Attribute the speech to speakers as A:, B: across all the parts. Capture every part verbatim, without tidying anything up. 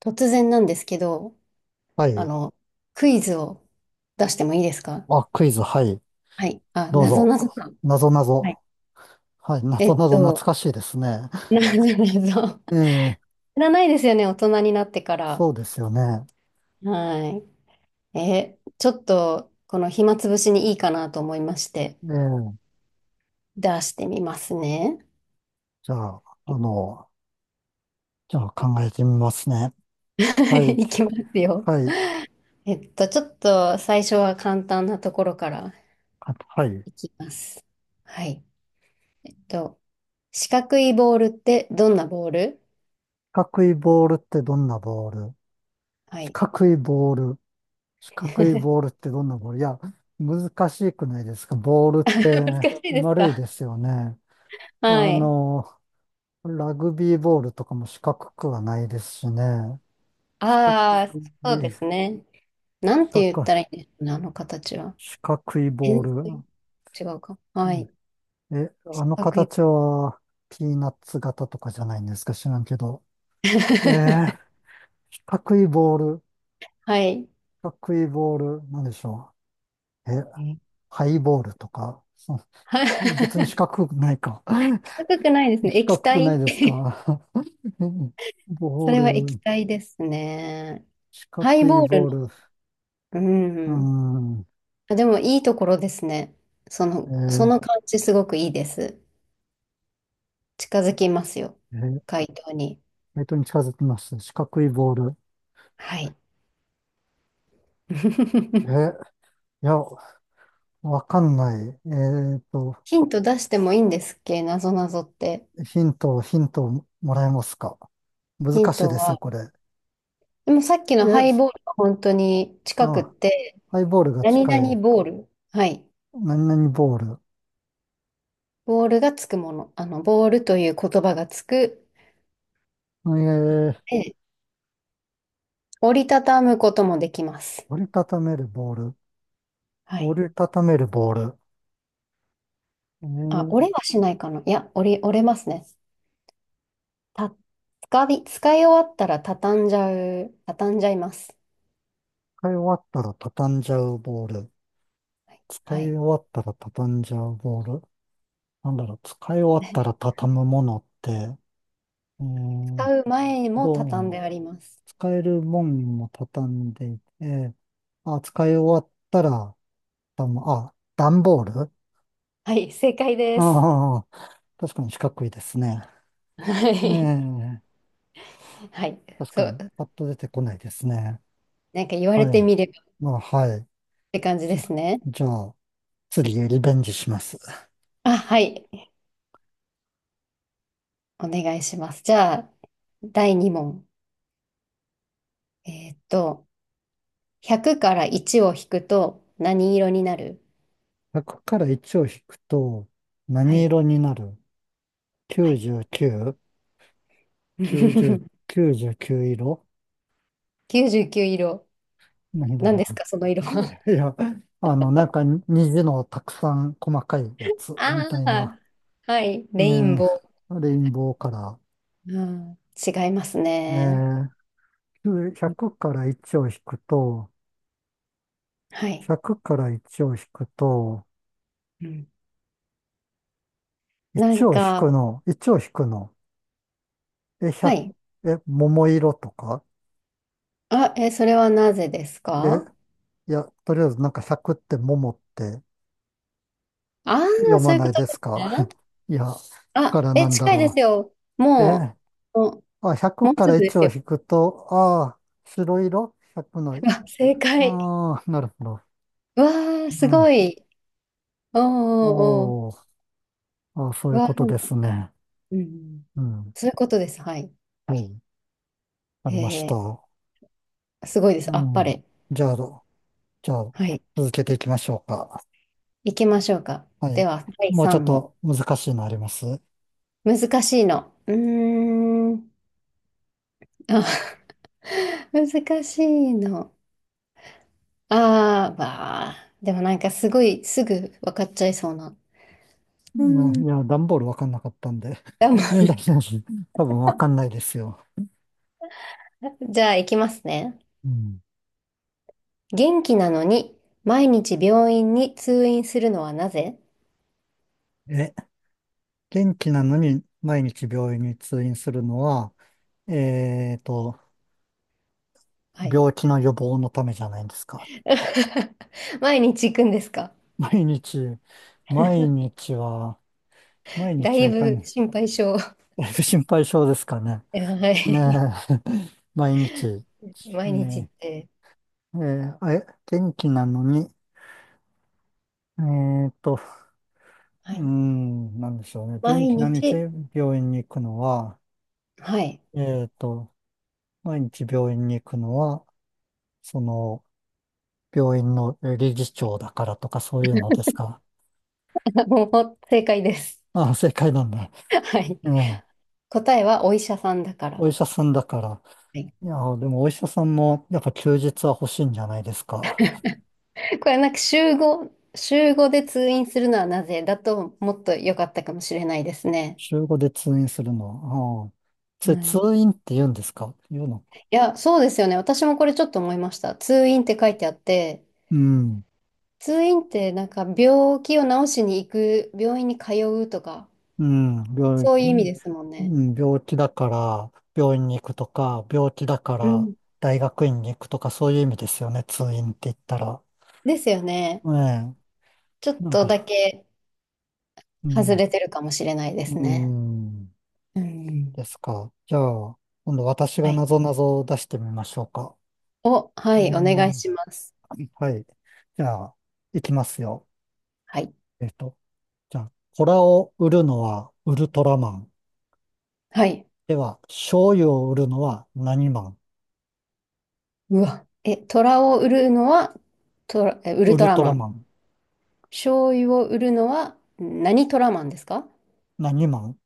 A: 突然なんですけど、
B: は
A: あ
B: い。
A: の、クイズを出してもいいですか？
B: あ、クイズ、はい。
A: はい。あ、
B: どう
A: なぞ
B: ぞ。
A: なぞか。
B: なぞな
A: はい。
B: ぞ。はい。な
A: えっ
B: ぞなぞ
A: と、
B: 懐かしいですね。
A: なぞなぞ。
B: ええ、
A: 知らないですよね、大人になってから。
B: そうですよね。
A: はい。え、ちょっと、この暇つぶしにいいかなと思いまして、
B: ええ、
A: 出してみますね。
B: じゃあ、あ の、じゃあ考えてみますね。
A: は
B: はい。
A: い、いきますよ。
B: はい。
A: えっと、ちょっと最初は簡単なところから
B: あはい。
A: いきます。はい。えっと、四角いボールってどんなボール？
B: 四角いボールってどんなボール？
A: は
B: 四
A: い。
B: 角いボール。四角いボールってどんなボール？いや、難しくないですか？ボールって
A: 難しいです
B: 丸い
A: か。
B: ですよね。
A: は
B: あ
A: い。
B: の、ラグビーボールとかも四角くはないですしね。四角
A: ああ、
B: い、
A: そうですね。なんて
B: 四
A: 言っ
B: 角い、
A: たらいいんですかね、あの形は。
B: 四角いボー
A: 変
B: ル。
A: 水違うか。
B: う
A: は
B: ん。
A: い。
B: え、あの
A: 角い
B: 形はピーナッツ型とかじゃないんですか？知らんけど。え ー、四角いボール、
A: はい。
B: 四角いボール、なんでしょう。え、
A: え
B: ハイボールとか。そ
A: は
B: 別に四
A: い
B: 角くないか。
A: 高くないですね。
B: 四角
A: 液
B: くな
A: 体
B: いですか。
A: そ
B: ボー
A: れは液
B: ル、
A: 体ですね。
B: 四角
A: ハイ
B: い
A: ボール
B: ボ
A: の。
B: ール。う
A: う
B: ー
A: ん。
B: ん。
A: あ、でもいいところですね。そ
B: え
A: の、そ
B: ー
A: の感じすごくいいです。近づきますよ。
B: えー、
A: 回答に。
B: えーとに近づきます。四角いボール。
A: はい。
B: え、いや、わかんない。えーと、
A: ヒント出してもいいんですっけ、なぞなぞって。
B: ヒント、ヒントをもらえますか？難
A: ヒン
B: しい
A: ト
B: です
A: は、
B: よ、これ。
A: でもさっきの
B: え、
A: ハイボールは本当に近くっ
B: あ、
A: て、
B: ハイボールが
A: 何
B: 近い。
A: 々ボール。はい。
B: 何々ボール。
A: ボールがつくもの。あの、ボールという言葉がつく。
B: えー、
A: で、折りたたむこともできます。
B: 折りたためるボール。
A: はい。
B: 折りたためるボール。え
A: あ、
B: ー、
A: 折れはしないかな。いや、折り、折れますね。た、使い、使い終わったら畳んじゃう、畳んじゃいます。
B: 使い終わったら畳んじゃうボール。
A: はい。
B: 使
A: は
B: い終
A: い
B: わったら畳んじゃうボール。なんだろう、使い終わったら 畳むものって、えー、
A: 使う前も
B: ど
A: 畳んで
B: う、
A: あります。
B: 使えるもんも畳んでいて、あ、使い終わったら、ダンあ、段ボール。
A: はい、正解です。
B: ああ、確かに四角いですね。
A: は
B: え
A: い。
B: え、
A: はい。
B: 確
A: そ
B: か
A: う。
B: に、パッと出てこないですね。
A: なんか言われ
B: は
A: て
B: い。
A: みればっ
B: まあ、はい。
A: て感じで
B: じゃ、
A: すね。
B: じゃあ、次へリベンジします。
A: あ、はい。お願いします。じゃあ、だいに問。えーっと、ひゃくからいちを引くと何色になる？
B: いち まるからいちを引くと、
A: は
B: 何
A: い。
B: 色になる
A: はい。
B: ?きゅうじゅうきゅう、きゅうじゅう、きゅうじゅうきゅう色。
A: きゅうじゅうきゅう色。
B: 何だ
A: 何
B: ろ
A: ですか、その色
B: う。
A: は。
B: いや、あの、なんか虹のたくさん細かいや つみ
A: あ
B: たいな、
A: あ、はい。
B: え
A: レインボ
B: え、レインボーカラ
A: ー。うん、違いますね。
B: ー。え、
A: うん、
B: ひゃくからいちを引くと、
A: はい。
B: ひゃくからいちを引くと、
A: うん、な
B: いち
A: ん
B: を引く
A: か、
B: の、いちを引くの、え、
A: は
B: ひゃく、
A: い。
B: え、桃色とか。
A: あ、え、それはなぜです
B: え、
A: か？
B: いや、とりあえずなんかひゃくって桃って
A: ああ
B: 読
A: ー、そ
B: ま
A: ういうこ
B: ない
A: と
B: です
A: です
B: か？
A: ね。
B: いや、だか
A: あ、
B: ら
A: え、
B: なんだ
A: 近いで
B: ろ
A: すよ。
B: う。
A: も
B: え、
A: う、も
B: あ、
A: う、も
B: ひゃく
A: う
B: か
A: す
B: ら
A: ぐで
B: いち
A: す
B: を
A: よ。
B: 引くと、ああ、白色 ?ひゃく の、
A: あ、正解。
B: ああ、なるほど。
A: わあ、
B: う
A: す
B: ん。
A: ごい。おーおーお
B: おー、あ、そう
A: ー。
B: いう
A: わあ、
B: こ
A: で
B: と
A: も、
B: ですね。
A: うん。
B: うん。
A: そういうことです。はい。
B: はい。ありました。
A: えー、すごいです。
B: う
A: あっぱ
B: ん。
A: れ。
B: じゃあ、じゃあ、
A: はい。
B: 続けていきましょうか。
A: 行きましょうか。
B: は
A: で
B: い。
A: は、第
B: もうちょっ
A: 三問。
B: と難しいのあります。
A: 難しいの。うーん。あ、難しいの。あー、わあ。でもなんかすごいすぐ分かっちゃいそうな。う
B: うん、
A: ん。
B: いや、段ボールわかんなかったんで。
A: でも
B: ね、大丈夫？多分わかんないですよ。
A: じゃあ、行きますね。
B: うん。
A: 元気なのに、毎日病院に通院するのはなぜ？
B: え、元気なのに毎日病院に通院するのは、えーと、
A: はい。
B: 病気の予防のためじゃないんですか。
A: 毎日行くんですか？
B: 毎日、毎日は、毎
A: だ
B: 日は
A: い
B: いか
A: ぶ
B: に、
A: 心配性。は
B: だいぶ心配性ですかね。ね
A: い。
B: え、毎日、
A: 毎日行
B: ね
A: って。
B: え、えーあえ、元気なのに、えーっと、
A: は
B: うー
A: い。
B: ん、なんでしょうね。元
A: 毎
B: 気な日
A: 日。
B: 病院に行くのは、
A: はい。
B: えーっと、毎日病院に行くのは、その、病院のえー理事長だからとかそういうのですか。
A: もう正解です。
B: ああ、正解なんだ。
A: はい。
B: ええ、
A: 答えはお医者さんだから。
B: お医者さんだから。
A: はい。
B: いや、でもお医者さんも、やっぱ休日は欲しいんじゃないですか。
A: これなんか週5、週5で通院するのはなぜだともっと良かったかもしれないですね。
B: 週ごで通院するのは。ああ、それ
A: はい。い
B: 通院って言うんですか？言うの。
A: や、そうですよね。私もこれちょっと思いました。通院って書いてあって、
B: うん。
A: 通院ってなんか病気を治しに行く、病院に通うとか、
B: うん、病
A: そういう
B: 気、
A: 意味
B: う
A: ですもんね。
B: ん、病気だから病院に行くとか、病気だか
A: う
B: ら
A: ん。
B: 大学院に行くとか、そういう意味ですよね、通院って言ったら。
A: ですよね。
B: ええ、
A: ちょっ
B: なん
A: とだ
B: か、
A: け
B: う
A: 外
B: ん、
A: れてるかもしれないです
B: う
A: ね。
B: ん、
A: うん。
B: ですか。じゃあ、今度私
A: は
B: が
A: い。
B: なぞなぞを出してみましょうか。
A: お、はい、お願い
B: ね
A: します。
B: え、はい。じゃあ、いきますよ。
A: はい。
B: えっと、じゃあ、コラを売るのはウルトラマン。
A: はい。
B: では、醤油を売るのは何マン？
A: うわ。え、虎を売るのは、トラ、えウル
B: ウ
A: ト
B: ル
A: ラ
B: ト
A: マ
B: ラ
A: ン。
B: マン。
A: 醤油を売るのは、何トラマンですか？
B: 何マン？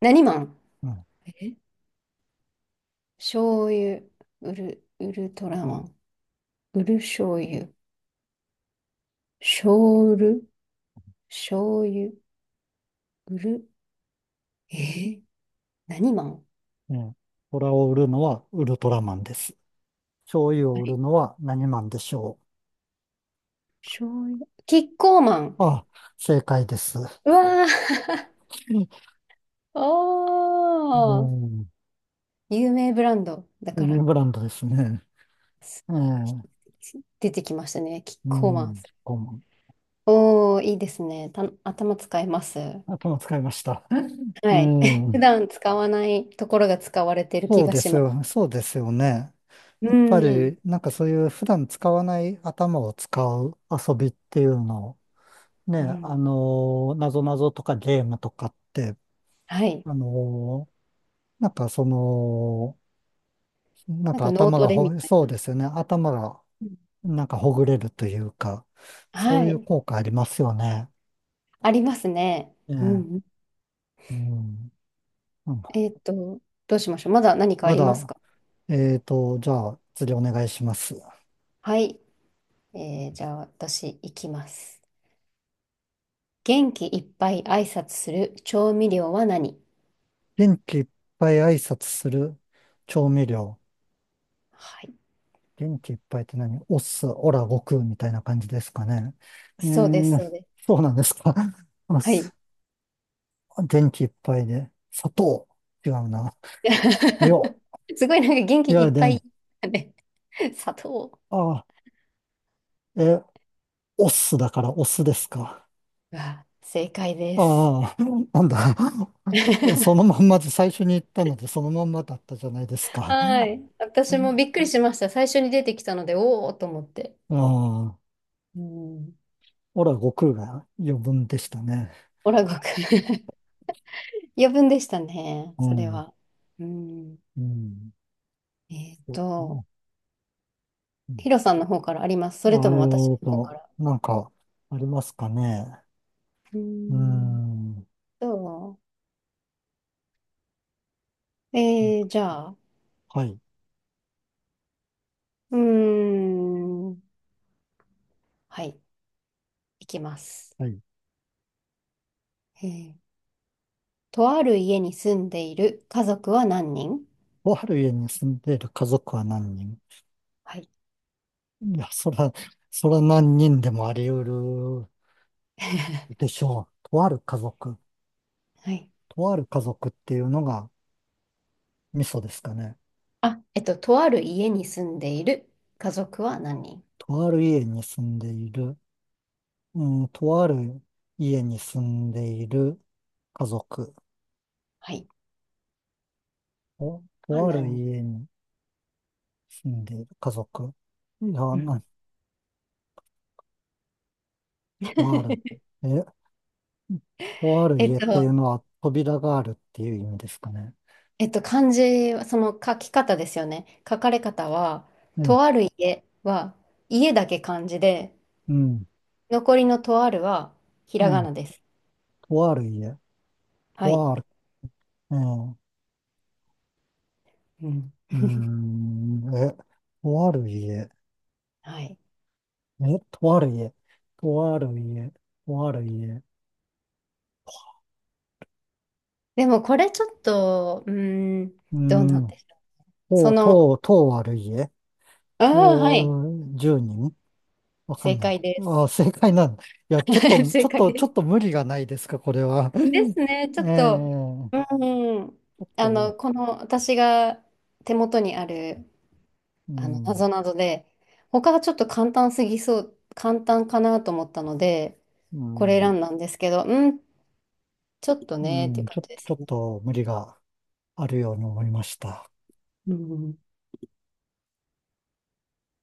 A: 何マン？え醤油、売る、ウルトラマン。売る醤油。醤油、醤油、売る。えー何マン？
B: ね、虎を売るのはウルトラマンです。醤油
A: は
B: を売る
A: い、
B: のは何マンでしょ
A: 醤油。キッコーマン。
B: う？あ、正解です。
A: うわー。
B: う
A: おー。
B: ん。
A: 有名ブランドだ
B: 有
A: から。
B: 名ブランドですね。
A: す
B: ええ、
A: 出てきましたね。キッ
B: う
A: コーマン。
B: ん。顧問。
A: おー、いいですね。た、頭使います。
B: 頭使いました。う
A: はい。普
B: ん。
A: 段使わないところが使われてる気
B: そう
A: が
B: で
A: し
B: す
A: ます。
B: よね。そうですよね。
A: う
B: やっぱ
A: ん。
B: り、なんかそういう普段使わない頭を使う遊びっていうのを、ね、
A: うん。
B: あの、なぞなぞとかゲームとかって、
A: はい。
B: あの、なんか、その、なん
A: なん
B: か
A: か脳
B: 頭
A: ト
B: が
A: レみ
B: ほ、
A: たい
B: そう
A: な。
B: ですよね。頭が
A: うん、
B: なんかほぐれるというか、そう
A: は
B: いう
A: い。
B: 効果ありますよね。
A: ありますね。
B: え
A: う
B: え、
A: ん。
B: うん。うん。
A: えっと、どうしましょう。まだ何かあ
B: ま
A: ります
B: だ、
A: か？
B: えーと、じゃあ次お願いします。
A: はい。えーじゃあ私、行きます。元気いっぱい挨拶する調味料は何？
B: 元気いっぱい挨拶する調味料。
A: はい。
B: 元気いっぱいって何？おっす、オラ、悟空みたいな感じですかね。う
A: そうです、
B: ーん、
A: そうです。
B: そうなんですか。おっ
A: はい。
B: す。元気いっぱいで。砂糖。違うな。よ。
A: すごいなんか元気
B: い
A: い
B: や
A: っぱい。
B: で、
A: ね、砂糖
B: あ、え、オスだからオスですか。
A: が正解です。
B: ああ、なんだ。そ のまんまで最初に言ったので、そのまんまだったじゃないですか。
A: はい。私もびっくりしました。最初に出てきたので、おおと思って。
B: ああ、
A: うん。
B: ほら、悟空が余分でしたね。
A: オラゴくん 余分でしたね、
B: う
A: それ
B: ん、
A: は。うん。
B: うん。
A: えっと、ヒロさんの方からあります。
B: あ
A: それと
B: あ、え
A: も私
B: ー
A: の方か
B: と、
A: ら？
B: なんか、ありますかね。
A: う
B: うー
A: ん
B: ん。
A: と、えー、じゃあ、
B: はい、
A: うーん。はい、いきます。
B: はい。
A: えーとある家に住んでいる家族は何人？
B: とある家に住んでいる家族は何人？
A: はい。
B: いや、そら、そら何人でもあり得る でしょう。とある家族。
A: はい。
B: とある家族っていうのがミソですかね。
A: あ、えっと、とある家に住んでいる家族は何人？
B: とある家に住んでいる、うん、とある家に住んでいる家族。
A: はい。
B: お
A: は
B: とあ
A: 何
B: る
A: 人？
B: 家に住んでいる家族。いや、
A: うん。
B: な、とある。え、とある
A: えっ
B: 家っていう
A: と、
B: のは扉があるっていう意味ですかね。
A: えっと、漢字は、その書き方ですよね。書かれ方は、
B: うん、
A: とある家は、家だけ漢字で、
B: うん、
A: 残りのとあるは、ひら
B: う
A: が
B: ん。
A: なです。
B: とある家。
A: はい。
B: とある。うん、
A: うん。
B: うん、え、とある家。
A: はい。
B: え、とある家。とある家。とある家。
A: でもこれちょっと、うーん、
B: う
A: どうなんで
B: ん。
A: しょう。そ
B: とう、
A: の、
B: とう、とう悪い家？
A: あ
B: と
A: あ、はい、
B: う、じゅうにん？わか
A: 正
B: んない。
A: 解で
B: あ
A: す。
B: あ、正解なんだ。いや、ちょっ と、ち
A: 正
B: ょっ
A: 解
B: と、
A: で
B: ちょっ
A: す。
B: と無理がないですか、これは。
A: ですね、ちょ
B: え
A: っ
B: え、ち
A: と、
B: ょ
A: うん、
B: っ
A: あの、
B: と、
A: この私が手元にある、
B: う
A: あの、な
B: ん、
A: ぞなぞで、他がちょっと簡単すぎそう、簡単かなと思ったので、
B: う
A: これ
B: ん、
A: 選んだんですけど、うん、ちょっと
B: う
A: ね、っていう
B: ん、
A: 感
B: ちょっ
A: じで
B: と、ち
A: す
B: ょっ
A: ね。
B: と無理があるように思いました。
A: うん